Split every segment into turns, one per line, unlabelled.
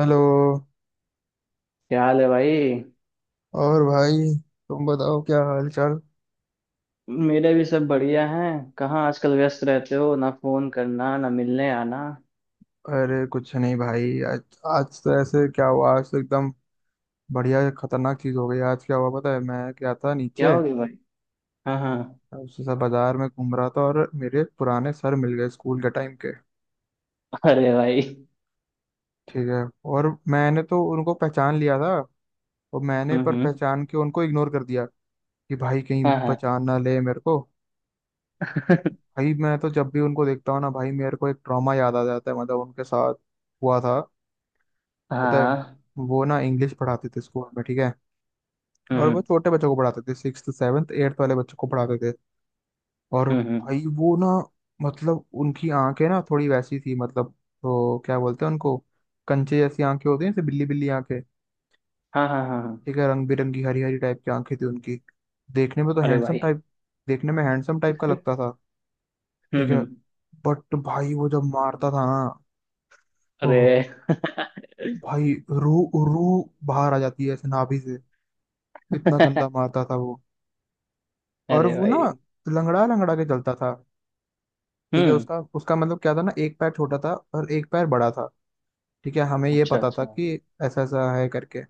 Hello.
क्या हाल है भाई।
और भाई, तुम बताओ क्या हाल चाल।
मेरे भी सब बढ़िया हैं। कहाँ आजकल व्यस्त रहते हो, ना फोन करना ना मिलने आना।
अरे कुछ नहीं भाई, आज आज तो ऐसे क्या हुआ आज तो एकदम बढ़िया खतरनाक चीज हो गई। आज क्या हुआ पता है? मैं क्या था,
क्या
नीचे
हो गया भाई? हाँ हाँ।
उसी सा बाजार में घूम रहा था, और मेरे पुराने सर मिल गए स्कूल के टाइम के।
अरे भाई।
ठीक है, और मैंने तो उनको पहचान लिया था, और मैंने पर
हम्म।
पहचान के उनको इग्नोर कर दिया कि भाई कहीं
हाँ हाँ।
पहचान ना ले मेरे को। भाई, मैं तो जब भी उनको देखता हूँ ना भाई, मेरे को एक ट्रॉमा याद आ जाता है मतलब उनके साथ हुआ था।
हाँ
पता है,
हाँ।
वो ना इंग्लिश पढ़ाते थे स्कूल में। ठीक है,
हम्म
और
हम्म
वो छोटे बच्चों को पढ़ाते थे, सिक्स सेवन्थ एट्थ वाले बच्चों को पढ़ाते थे। और
हम्म, हम्म।
भाई वो ना मतलब उनकी आंखें ना थोड़ी वैसी थी, मतलब तो क्या बोलते हैं उनको, कंचे जैसी आंखें होती हैं जैसे बिल्ली बिल्ली आंखें।
हाँ हाँ हाँ हाँ।
ठीक है, रंग बिरंगी हरी हरी टाइप की आंखें थी उनकी। देखने में तो
अरे
हैंडसम
भाई।
टाइप, देखने में हैंडसम टाइप का लगता था। ठीक है,
हम्म।
बट भाई वो जब मारता था ना, ओह
अरे।
भाई, रू रू बाहर आ जाती है ऐसे नाभि से, इतना गंदा मारता था वो। और
अरे
वो ना
भाई।
लंगड़ा लंगड़ा के चलता था। ठीक है,
हम्म।
उसका उसका मतलब क्या था ना, एक पैर छोटा था और एक पैर बड़ा था। ठीक है, हमें ये
अच्छा
पता
अच्छा
था कि ऐसा ऐसा है करके।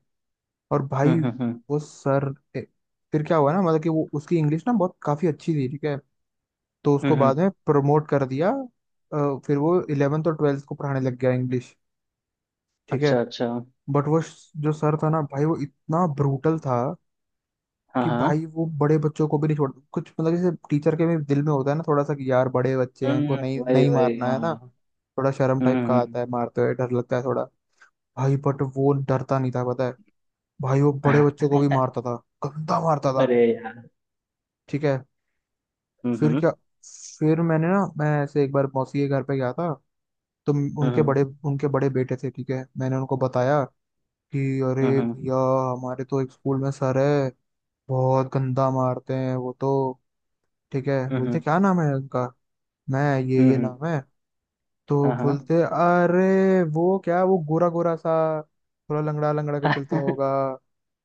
और भाई
हम्म।
वो फिर क्या हुआ ना, मतलब कि वो उसकी इंग्लिश ना बहुत काफी अच्छी थी। ठीक है, तो उसको बाद
हम्म।
में प्रमोट कर दिया, फिर वो इलेवेंथ और ट्वेल्थ को पढ़ाने लग गया इंग्लिश। ठीक है,
अच्छा अच्छा।
बट वो जो सर था ना भाई वो इतना ब्रूटल था
हाँ
कि भाई
हाँ।
वो बड़े बच्चों को भी नहीं छोड़ कुछ, मतलब जैसे टीचर के भी दिल में होता है ना थोड़ा सा कि यार बड़े बच्चे हैं इनको नहीं
वही
नहीं
वही
मारना है ना,
हाँ।
थोड़ा शर्म टाइप का
हम्म
आता है, मारते हुए डर लगता है थोड़ा। भाई बट वो डरता नहीं था पता है, भाई वो बड़े
हम्म।
बच्चों को भी मारता था, गंदा मारता था।
अरे यार।
ठीक है,
हम्म
फिर
हम्म
क्या, फिर मैंने ना मैं ऐसे एक बार मौसी के घर पे गया था। तो
हम्म
उनके बड़े
हम्म
उनके बड़े बेटे थे। ठीक है, मैंने उनको बताया कि
हम्म,
अरे
हम्म।
भैया, हमारे तो एक स्कूल में सर है, बहुत गंदा मारते हैं वो तो। ठीक है, बोलते
हम्म
क्या नाम है उनका, मैं ये
हम्म।
नाम है। तो
हाँ हाँ।
बोलते अरे वो क्या, वो गोरा गोरा सा थोड़ा लंगड़ा लंगड़ा के चलता होगा।
उनका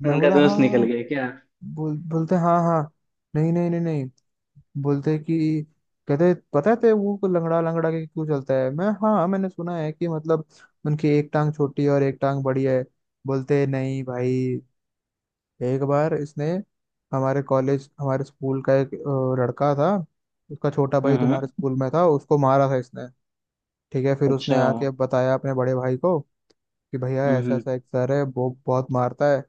मैं बोला हाँ
दोस्त निकल
हाँ,
गया क्या?
बोलते हाँ हाँ, नहीं नहीं नहीं नहीं। बोलते कि कहते पता है तेरे वो को लंगड़ा लंगड़ा के क्यों चलता है? मैं हाँ हाँ, मैंने सुना है कि मतलब उनकी एक टांग छोटी है और एक टांग बड़ी है। बोलते नहीं भाई, एक बार इसने हमारे कॉलेज हमारे स्कूल का एक लड़का था, उसका छोटा भाई तुम्हारे
हम्म।
स्कूल में था, उसको मारा था इसने। ठीक है, फिर उसने
अच्छा।
आके अब बताया अपने बड़े भाई को कि भैया ऐसा
हम्म
ऐसा एक सर है वो बहुत मारता है।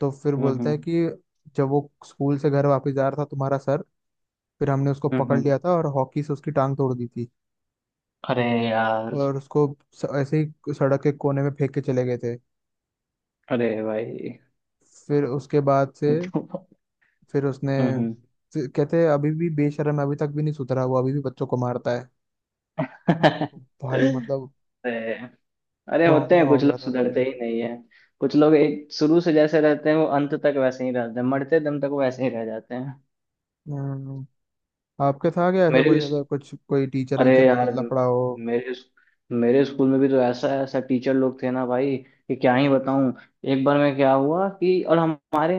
तो फिर बोलता
हम्म
है कि जब वो स्कूल से घर वापस जा रहा था तुम्हारा सर, फिर हमने उसको पकड़
हम्म।
लिया था और हॉकी से उसकी टांग तोड़ दी थी।
अरे यार।
और उसको ऐसे ही सड़क के कोने में फेंक के चले गए थे।
अरे भाई,
फिर उसके बाद से,
तो-
फिर उसने,
हम्म
फिर कहते हैं अभी भी बेशर्म है, अभी तक भी नहीं सुधरा वो, अभी भी बच्चों को मारता है। भाई मतलब
अरे। अरे, होते
ट्रॉमा
हैं
हो
कुछ
गया
लोग,
था भाई।
सुधरते ही नहीं है। कुछ लोग एक शुरू से जैसे रहते हैं, वो अंत तक वैसे ही रहते हैं, मरते दम तक वैसे ही रह जाते हैं।
हम्म, आपके था क्या ऐसा
मेरे
कुछ
भी।
अगर कुछ कोई टीचर
अरे
वीचर के
यार।
साथ लफड़ा हो?
मेरे मेरे स्कूल में भी तो ऐसा ऐसा टीचर लोग थे ना भाई, कि क्या ही बताऊं। एक बार में क्या हुआ कि, और हमारे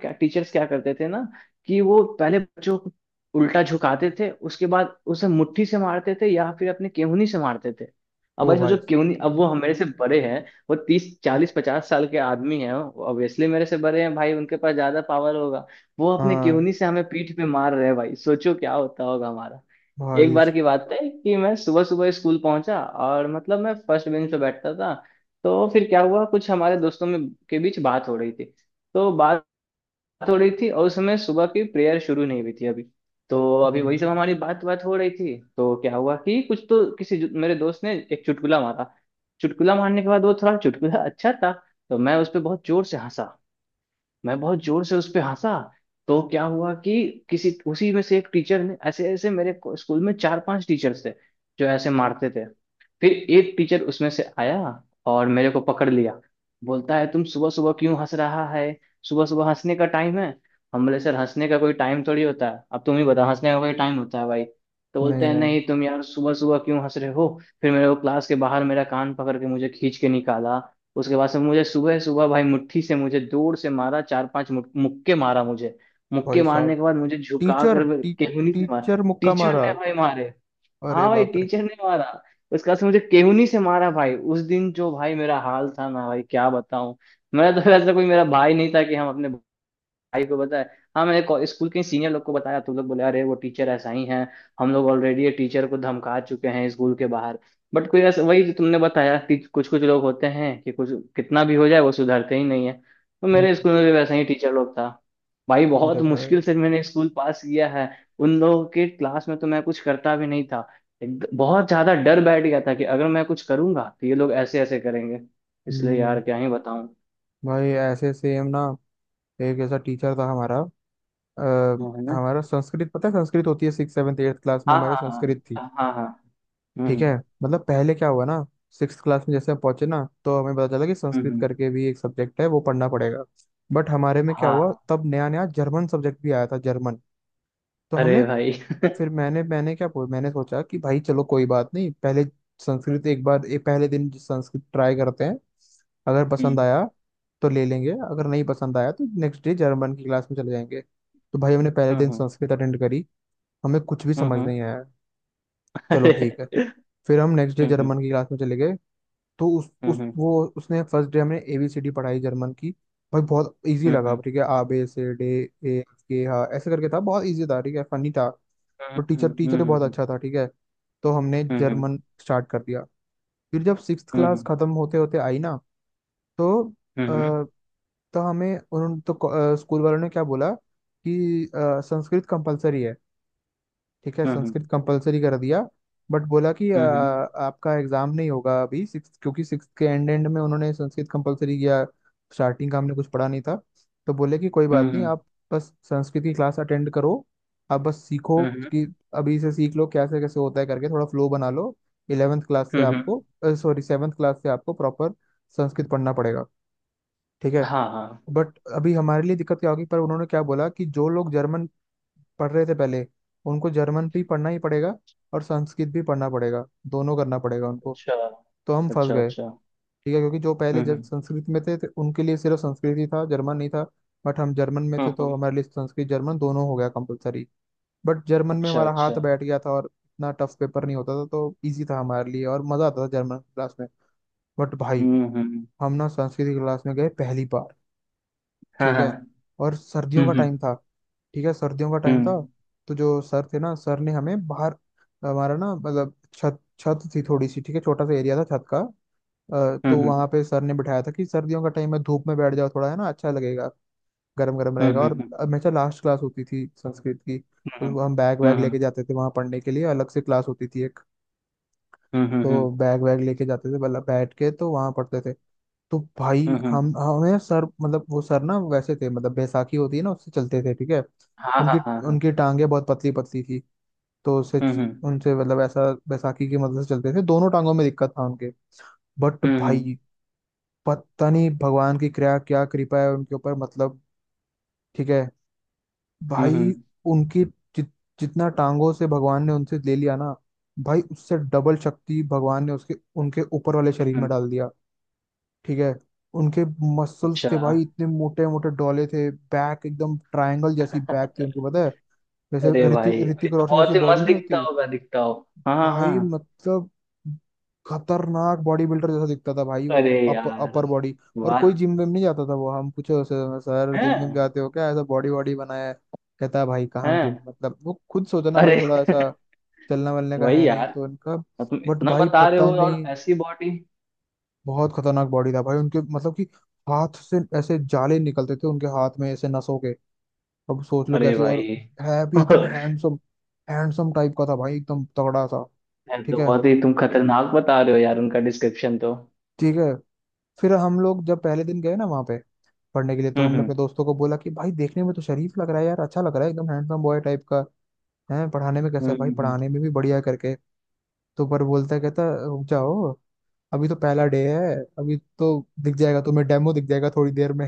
क्या टीचर्स क्या करते थे ना, कि वो पहले बच्चों को उल्टा झुकाते थे, उसके बाद उसे मुट्ठी से मारते थे, या फिर अपने केहूनी से मारते थे। अब
ओ
भाई सोचो
भाई,
केहूनी, अब वो हमारे से बड़े हैं। वो 30 40 50 साल के आदमी हैं, ऑब्वियसली मेरे से बड़े हैं भाई, उनके पास ज्यादा पावर होगा। वो अपने
हाँ
केहूनी से हमें पीठ पे मार रहे हैं, भाई सोचो क्या होता होगा हमारा। एक
भाई,
बार की बात है कि मैं सुबह सुबह स्कूल पहुंचा, और मतलब मैं फर्स्ट बेंच पे बैठता था। तो फिर क्या हुआ, कुछ हमारे दोस्तों में के बीच बात हो रही थी। तो बात थोड़ी थी, और उस समय सुबह की प्रेयर शुरू नहीं हुई थी अभी। तो अभी वही
हम्म,
सब हमारी बात बात हो रही थी, तो क्या हुआ कि कुछ तो मेरे दोस्त ने एक चुटकुला मारा। चुटकुला मारने के बाद, वो थोड़ा चुटकुला अच्छा था। तो मैं उस पर बहुत जोर से हंसा। मैं बहुत जोर से उस पे हंसा। तो क्या हुआ कि किसी उसी में से एक टीचर ने ऐसे ऐसे स्कूल में चार पांच टीचर्स थे जो ऐसे मारते थे। फिर एक टीचर उसमें से आया और मेरे को पकड़ लिया। बोलता है, तुम सुबह सुबह क्यों हंस रहा है? सुबह सुबह हंसने का टाइम है? हम बोले, सर हंसने का कोई टाइम थोड़ी होता है, अब तुम ही बताओ हंसने का कोई टाइम होता है भाई? तो बोलते
नहीं
हैं,
नहीं,
नहीं तुम यार सुबह सुबह क्यों हंस रहे हो? फिर मेरे को क्लास के बाहर, मेरा कान पकड़ के मुझे खींच के निकाला। उसके बाद से मुझे सुबह सुबह भाई मुट्ठी से मुझे दूर से मारा, चार पांच मुक्के मारा मुझे। मुक्के
भाई
मारने
साहब।
के बाद मुझे झुका
टीचर
कर
टी,
केहूनी से मारा।
टीचर मुक्का
टीचर
मारा।
ने भाई मारे।
अरे
हाँ भाई,
बाप रे,
टीचर ने मारा। उसके बाद से मुझे केहूनी से मारा भाई, उस दिन जो भाई मेरा हाल था ना भाई, क्या बताऊं। मेरा तो ऐसा कोई मेरा भाई नहीं था कि हम अपने भाई को पता है। हाँ मैंने स्कूल के सीनियर लोग को बताया, तो लोग बोले, अरे वो टीचर ऐसा ही है। हम लोग ऑलरेडी ये टीचर को धमका चुके हैं स्कूल के बाहर। बट कोई ऐसा वही जो तुमने बताया कि कुछ कुछ लोग होते हैं, कि कुछ कितना भी हो जाए वो सुधरते ही नहीं है। तो
हम्म,
मेरे स्कूल में भी वैसा ही टीचर लोग था। भाई बहुत
अरे भाई,
मुश्किल से मैंने स्कूल पास किया है। उन लोगों के क्लास में तो मैं कुछ करता भी नहीं था। बहुत ज्यादा डर बैठ गया था कि अगर मैं कुछ करूंगा तो ये लोग ऐसे ऐसे करेंगे। इसलिए
हम्म,
यार, क्या ही बताऊं।
भाई ऐसे सेम ना, एक ऐसा टीचर था हमारा। आ,
वो है ना।
हमारा संस्कृत, पता है संस्कृत होती है सिक्स सेवन्थ एट्थ क्लास में,
हाँ
हमारे
हाँ
संस्कृत थी।
हाँ हाँ हाँ।
ठीक
हम्म
है, मतलब पहले क्या हुआ ना, सिक्स क्लास में जैसे हम पहुंचे ना, तो हमें पता चला कि संस्कृत
हम्म।
करके भी एक सब्जेक्ट है वो पढ़ना पड़ेगा। बट हमारे में क्या
हाँ
हुआ,
हाँ।
तब नया नया जर्मन सब्जेक्ट भी आया था, जर्मन। तो
अरे
हमने,
भाई।
फिर मैंने मैंने क्या बोल- मैंने सोचा कि भाई चलो कोई बात नहीं, पहले संस्कृत एक बार एक पहले दिन संस्कृत ट्राई करते हैं। अगर पसंद
हम्म
आया तो ले लेंगे, अगर नहीं पसंद आया तो नेक्स्ट डे जर्मन की क्लास में चले जाएंगे। तो भाई हमने पहले दिन
हम्म
संस्कृत अटेंड करी, हमें कुछ भी समझ
हम्म।
नहीं आया। चलो ठीक है,
अरे।
फिर हम नेक्स्ट डे
हम्म
जर्मन की क्लास में चले गए। तो उस
हम्म
उस
हम्म
वो उसने फर्स्ट डे हमने एबीसीडी पढ़ाई जर्मन की। भाई बहुत इजी लगा।
हम्म
ठीक है, आ बे से डे, ए के हा, ऐसे करके था बहुत इजी था। ठीक है, फनी था,
हम्म
तो टीचर
हम्म
टीचर ही बहुत
हम्म
अच्छा था। ठीक है, तो हमने
हम्म हम्म
जर्मन स्टार्ट कर दिया। फिर जब सिक्स क्लास खत्म होते होते आई ना, तो
हम्म हम्म
अ, तो हमें उन तो स्कूल वालों ने क्या बोला कि संस्कृत कंपलसरी है। ठीक है,
हम्म
संस्कृत कंपलसरी कर दिया, बट बोला कि आपका एग्जाम नहीं होगा अभी सिक्स, क्योंकि सिक्स के एंड एंड में उन्होंने संस्कृत कंपलसरी किया, स्टार्टिंग का हमने कुछ पढ़ा नहीं था। तो बोले कि कोई बात नहीं,
हम्म
आप बस संस्कृत की क्लास अटेंड करो, आप बस सीखो
हम्म
कि अभी से सीख लो कैसे कैसे होता है करके, थोड़ा फ्लो बना लो। इलेवेंथ क्लास से आपको,
हम्म।
सॉरी सेवन्थ क्लास से आपको प्रॉपर संस्कृत पढ़ना पड़ेगा। ठीक है,
हाँ हाँ।
बट अभी हमारे लिए दिक्कत क्या होगी, पर उन्होंने क्या बोला कि जो लोग जर्मन पढ़ रहे थे पहले उनको जर्मन भी पढ़ना ही पड़ेगा और संस्कृत भी पढ़ना पड़ेगा, दोनों करना पड़ेगा उनको।
अच्छा
तो हम फंस
अच्छा
गए।
अच्छा।
ठीक है, क्योंकि जो पहले जब
हम्म
संस्कृत में थे, तो उनके लिए सिर्फ संस्कृत ही था जर्मन नहीं था। बट हम जर्मन में थे तो
हम्म।
हमारे लिए संस्कृत जर्मन दोनों हो गया कंपलसरी। बट जर्मन में
अच्छा
हमारा
अच्छा।
हाथ बैठ गया था और इतना टफ पेपर नहीं होता था तो इजी था हमारे लिए और मज़ा आता था जर्मन क्लास में। बट भाई,
हम्म।
हम ना संस्कृत की क्लास में गए पहली बार।
हाँ
ठीक
हाँ।
है, और सर्दियों का
हम्म
टाइम था। ठीक है, सर्दियों का टाइम था,
हम्म
तो जो सर थे ना सर ने हमें बाहर, हमारा ना मतलब छत छत थी थोड़ी सी। ठीक है, छोटा सा एरिया था छत का,
हम्म
तो
हम्म
वहां पे सर ने बिठाया था कि सर्दियों का टाइम है धूप में बैठ जाओ थोड़ा, है ना, अच्छा लगेगा, गर्म गर्म
हम्म
रहेगा। और
हम्म
हमेशा लास्ट क्लास होती थी संस्कृत की तो हम बैग वैग लेके जाते थे, वहां पढ़ने के लिए अलग से क्लास होती थी एक,
हम्म
तो बैग वैग लेके जाते थे मतलब बैठ के तो वहां पढ़ते थे। तो भाई
हम्म।
हम हमें सर, मतलब वो सर ना वैसे थे, मतलब बैसाखी होती है ना, उससे चलते थे। ठीक है,
हाँ हाँ
उनकी,
हाँ हाँ।
उनकी टांगे बहुत पतली पतली थी, तो उससे
हम्म
उनसे मतलब ऐसा बैसाखी की मदद से चलते थे, दोनों टांगों में दिक्कत था उनके। बट
हम्म
भाई, पता नहीं भगवान की कृपा, क्या कृपा है उनके ऊपर मतलब। ठीक है,
हम्म
भाई
हम्म
उनकी जित, जितना टांगों से भगवान ने उनसे ले लिया ना, भाई उससे डबल शक्ति भगवान ने उसके उनके ऊपर वाले
हम्म,
शरीर
हम्म।
में डाल दिया। ठीक है, उनके मसल्स
अच्छा।
थे भाई इतने मोटे मोटे डोले थे, बैक एकदम ट्रायंगल जैसी बैक थी उनके पता है, जैसे
अरे
ऋतिक
भाई, अरे
ऋतिक
तो
रोशन जैसी
बहुत ही
बॉडी
मस्त
नहीं
दिखता
होती।
होगा, दिखता हो। हाँ हाँ
भाई
हाँ।
मतलब खतरनाक बॉडी बिल्डर जैसा दिखता था भाई वो।
अरे यार।
अपर बॉडी, और
वाह।
कोई जिम विम नहीं जाता था वो। हम पूछे उसे, सर जिम विम
हैं?
जाते हो क्या, ऐसा बॉडी बॉडी बनाया है? कहता है भाई कहाँ जिम,
हैं?
मतलब वो खुद सोचना भाई
अरे।
थोड़ा ऐसा, चलना वलने का है
वही
नहीं
यार,
तो इनका।
और तुम
बट
इतना
भाई
बता रहे
पता
हो, और
नहीं,
ऐसी बॉडी।
बहुत खतरनाक बॉडी था भाई उनके, मतलब कि हाथ से ऐसे जाले निकलते थे उनके हाथ में ऐसे नसों के। अब सोच लो
अरे
कैसी,
भाई।
और है भी एकदम
यार।
हैंडसम, हैंडसम टाइप का था भाई एकदम तगड़ा सा। ठीक
तो
है
बहुत ही तुम खतरनाक बता रहे हो यार, उनका डिस्क्रिप्शन तो।
ठीक है। फिर हम लोग जब पहले दिन गए ना वहां पे पढ़ने के लिए, तो हमने
हम्म
अपने दोस्तों को बोला कि भाई देखने में तो शरीफ लग रहा है यार, अच्छा लग रहा है एकदम हैंडसम बॉय टाइप का है, पढ़ाने में कैसा
हम्म
है भाई?
हम्म
पढ़ाने में भी बढ़िया करके, तो पर बोलता है कहता है, रुक जाओ, अभी तो पहला डे है, अभी तो दिख जाएगा तुम्हें, डेमो दिख जाएगा थोड़ी देर में।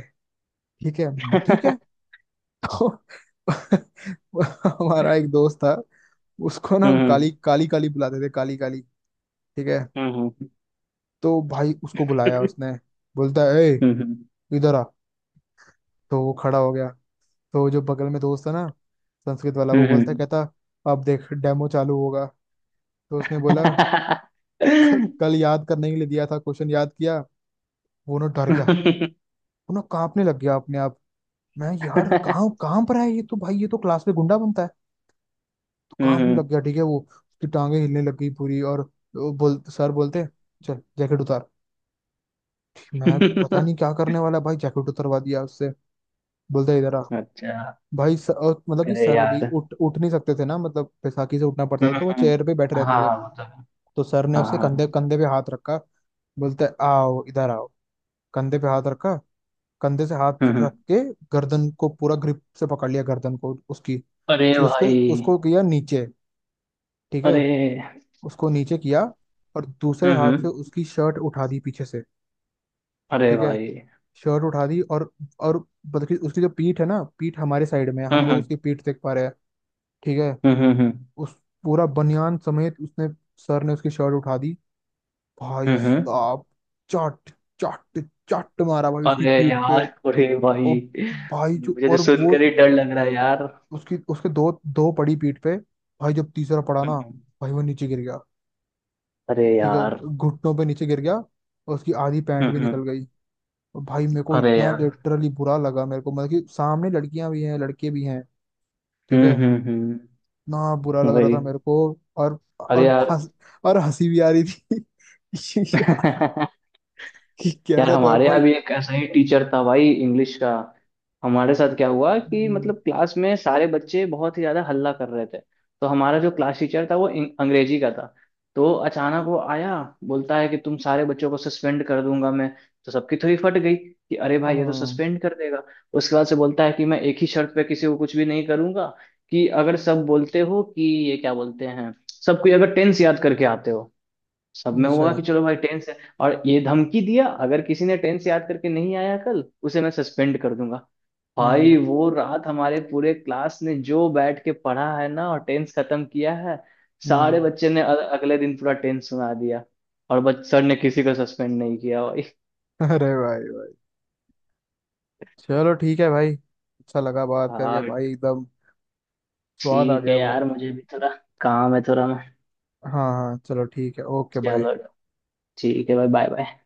ठीक है मैं, ठीक है। तो हमारा एक दोस्त था, उसको ना हम
हम्म।
काली काली काली बुलाते थे, काली काली। ठीक है, तो भाई उसको
हम्म
बुलाया
हम्म
उसने, बोलता है ए
हम्म हम्म
इधर आ। तो वो खड़ा हो गया, तो जो बगल में दोस्त था ना संस्कृत वाला वो बोलता है,
हम्म।
कहता, अब देख डेमो चालू होगा। तो उसने बोला, कल याद करने के लिए दिया था क्वेश्चन याद किया? वो ना डर गया, वो ना कांपने लग गया अपने आप। मैं यार कहाँ कहाँ पर है ये, तो भाई ये तो क्लास में गुंडा बनता है, काम में लग
हम्म।
गया। ठीक है, वो उसकी टांगे हिलने लग गई पूरी। और वो बोल सर बोलते, चल जैकेट उतार। ठीक, मैं पता नहीं क्या करने वाला भाई, जैकेट उतरवा दिया उससे। बोलता इधर आ।
अच्छा।
भाई सर, मतलब कि
अरे
सर
यार।
अभी उठ उठ नहीं सकते थे ना, मतलब बैसाखी से उठना पड़ता था तो वो
हाँ
चेयर पे बैठे रहते थे।
हाँ मतलब।
तो सर ने
हाँ
उसके कंधे
हाँ
कंधे पे हाथ रखा, बोलता है आओ इधर आओ, कंधे पे हाथ रखा, कंधे से हाथ रख
हाँ।
के गर्दन को पूरा ग्रिप से पकड़ लिया, गर्दन को उसकी।
अरे
फिर उसको,
भाई।
किया नीचे। ठीक है,
अरे।
उसको नीचे किया और दूसरे हाथ
हाँ।
से उसकी शर्ट उठा दी पीछे से।
अरे
ठीक है,
भाई।
शर्ट उठा दी और, और बल्कि उसकी जो पीठ है ना, पीठ हमारे साइड में है,
हाँ
हम लोग
हाँ
उसकी पीठ देख पा रहे हैं। ठीक है,
हाँ
उस पूरा बनियान समेत उसने, सर ने उसकी शर्ट उठा दी। भाई
हाँ।
साहब, चट चट चट मारा भाई उसकी
अरे
पीठ
यार,
पे।
अरे
ओ
भाई,
भाई जो
मुझे तो
और वो
सुनकर ही डर लग रहा है यार।
उसकी, उसके दो दो पड़ी पीठ पे। भाई जब तीसरा पड़ा ना,
हम्म।
भाई वो नीचे गिर गया।
अरे
ठीक है,
यार।
घुटनों पे नीचे गिर गया और उसकी आधी पैंट भी निकल
हाँ।
गई। और भाई मेरे को
अरे
इतना
यार।
लिटरली बुरा लगा मेरे को, मतलब कि सामने लड़कियां भी हैं लड़के भी हैं। ठीक है,
हम्म।
इतना बुरा लग रहा
भाई।
था मेरे को। और
अरे
और
यार।
हंस और हंसी भी आ रही थी कि यार, कि
यार,
कैसा तो है
हमारे यहाँ
भाई।
भी एक ऐसा ही टीचर था भाई, इंग्लिश का। हमारे साथ क्या हुआ कि
हम्म,
मतलब, क्लास में सारे बच्चे बहुत ही ज्यादा हल्ला कर रहे थे। तो हमारा जो क्लास टीचर था वो अंग्रेजी का था। तो अचानक वो आया। बोलता है कि तुम सारे बच्चों को सस्पेंड कर दूंगा मैं। तो सबकी थोड़ी फट गई कि अरे भाई, ये तो
हाँ,
सस्पेंड कर देगा। उसके बाद से बोलता है कि मैं एक ही शर्त पे किसी को कुछ भी नहीं करूंगा। कि अगर सब बोलते हो कि, ये क्या बोलते हैं, सब कोई अगर टेंस याद करके आते हो। सब में
अच्छा
होगा कि चलो भाई टेंस है, और ये धमकी दिया, अगर किसी ने टेंस याद करके नहीं आया, कल उसे मैं सस्पेंड कर दूंगा। भाई,
हम्म
वो रात हमारे पूरे क्लास ने जो बैठ के पढ़ा है ना, और टेंस खत्म किया है।
हम्म।
सारे बच्चे ने अगले दिन पूरा टेंस सुना दिया। और बच सर ने किसी को सस्पेंड नहीं किया भाई।
अरे भाई भाई, चलो ठीक है भाई, अच्छा लगा बात करके
हाँ।
भाई एकदम, स्वाद आ
ठीक है
गया
यार,
भाई।
मुझे भी थोड़ा काम है, थोड़ा मैं।
हाँ हाँ, चलो ठीक है, ओके बाय।
चलो। ठीक है भाई, बाय बाय।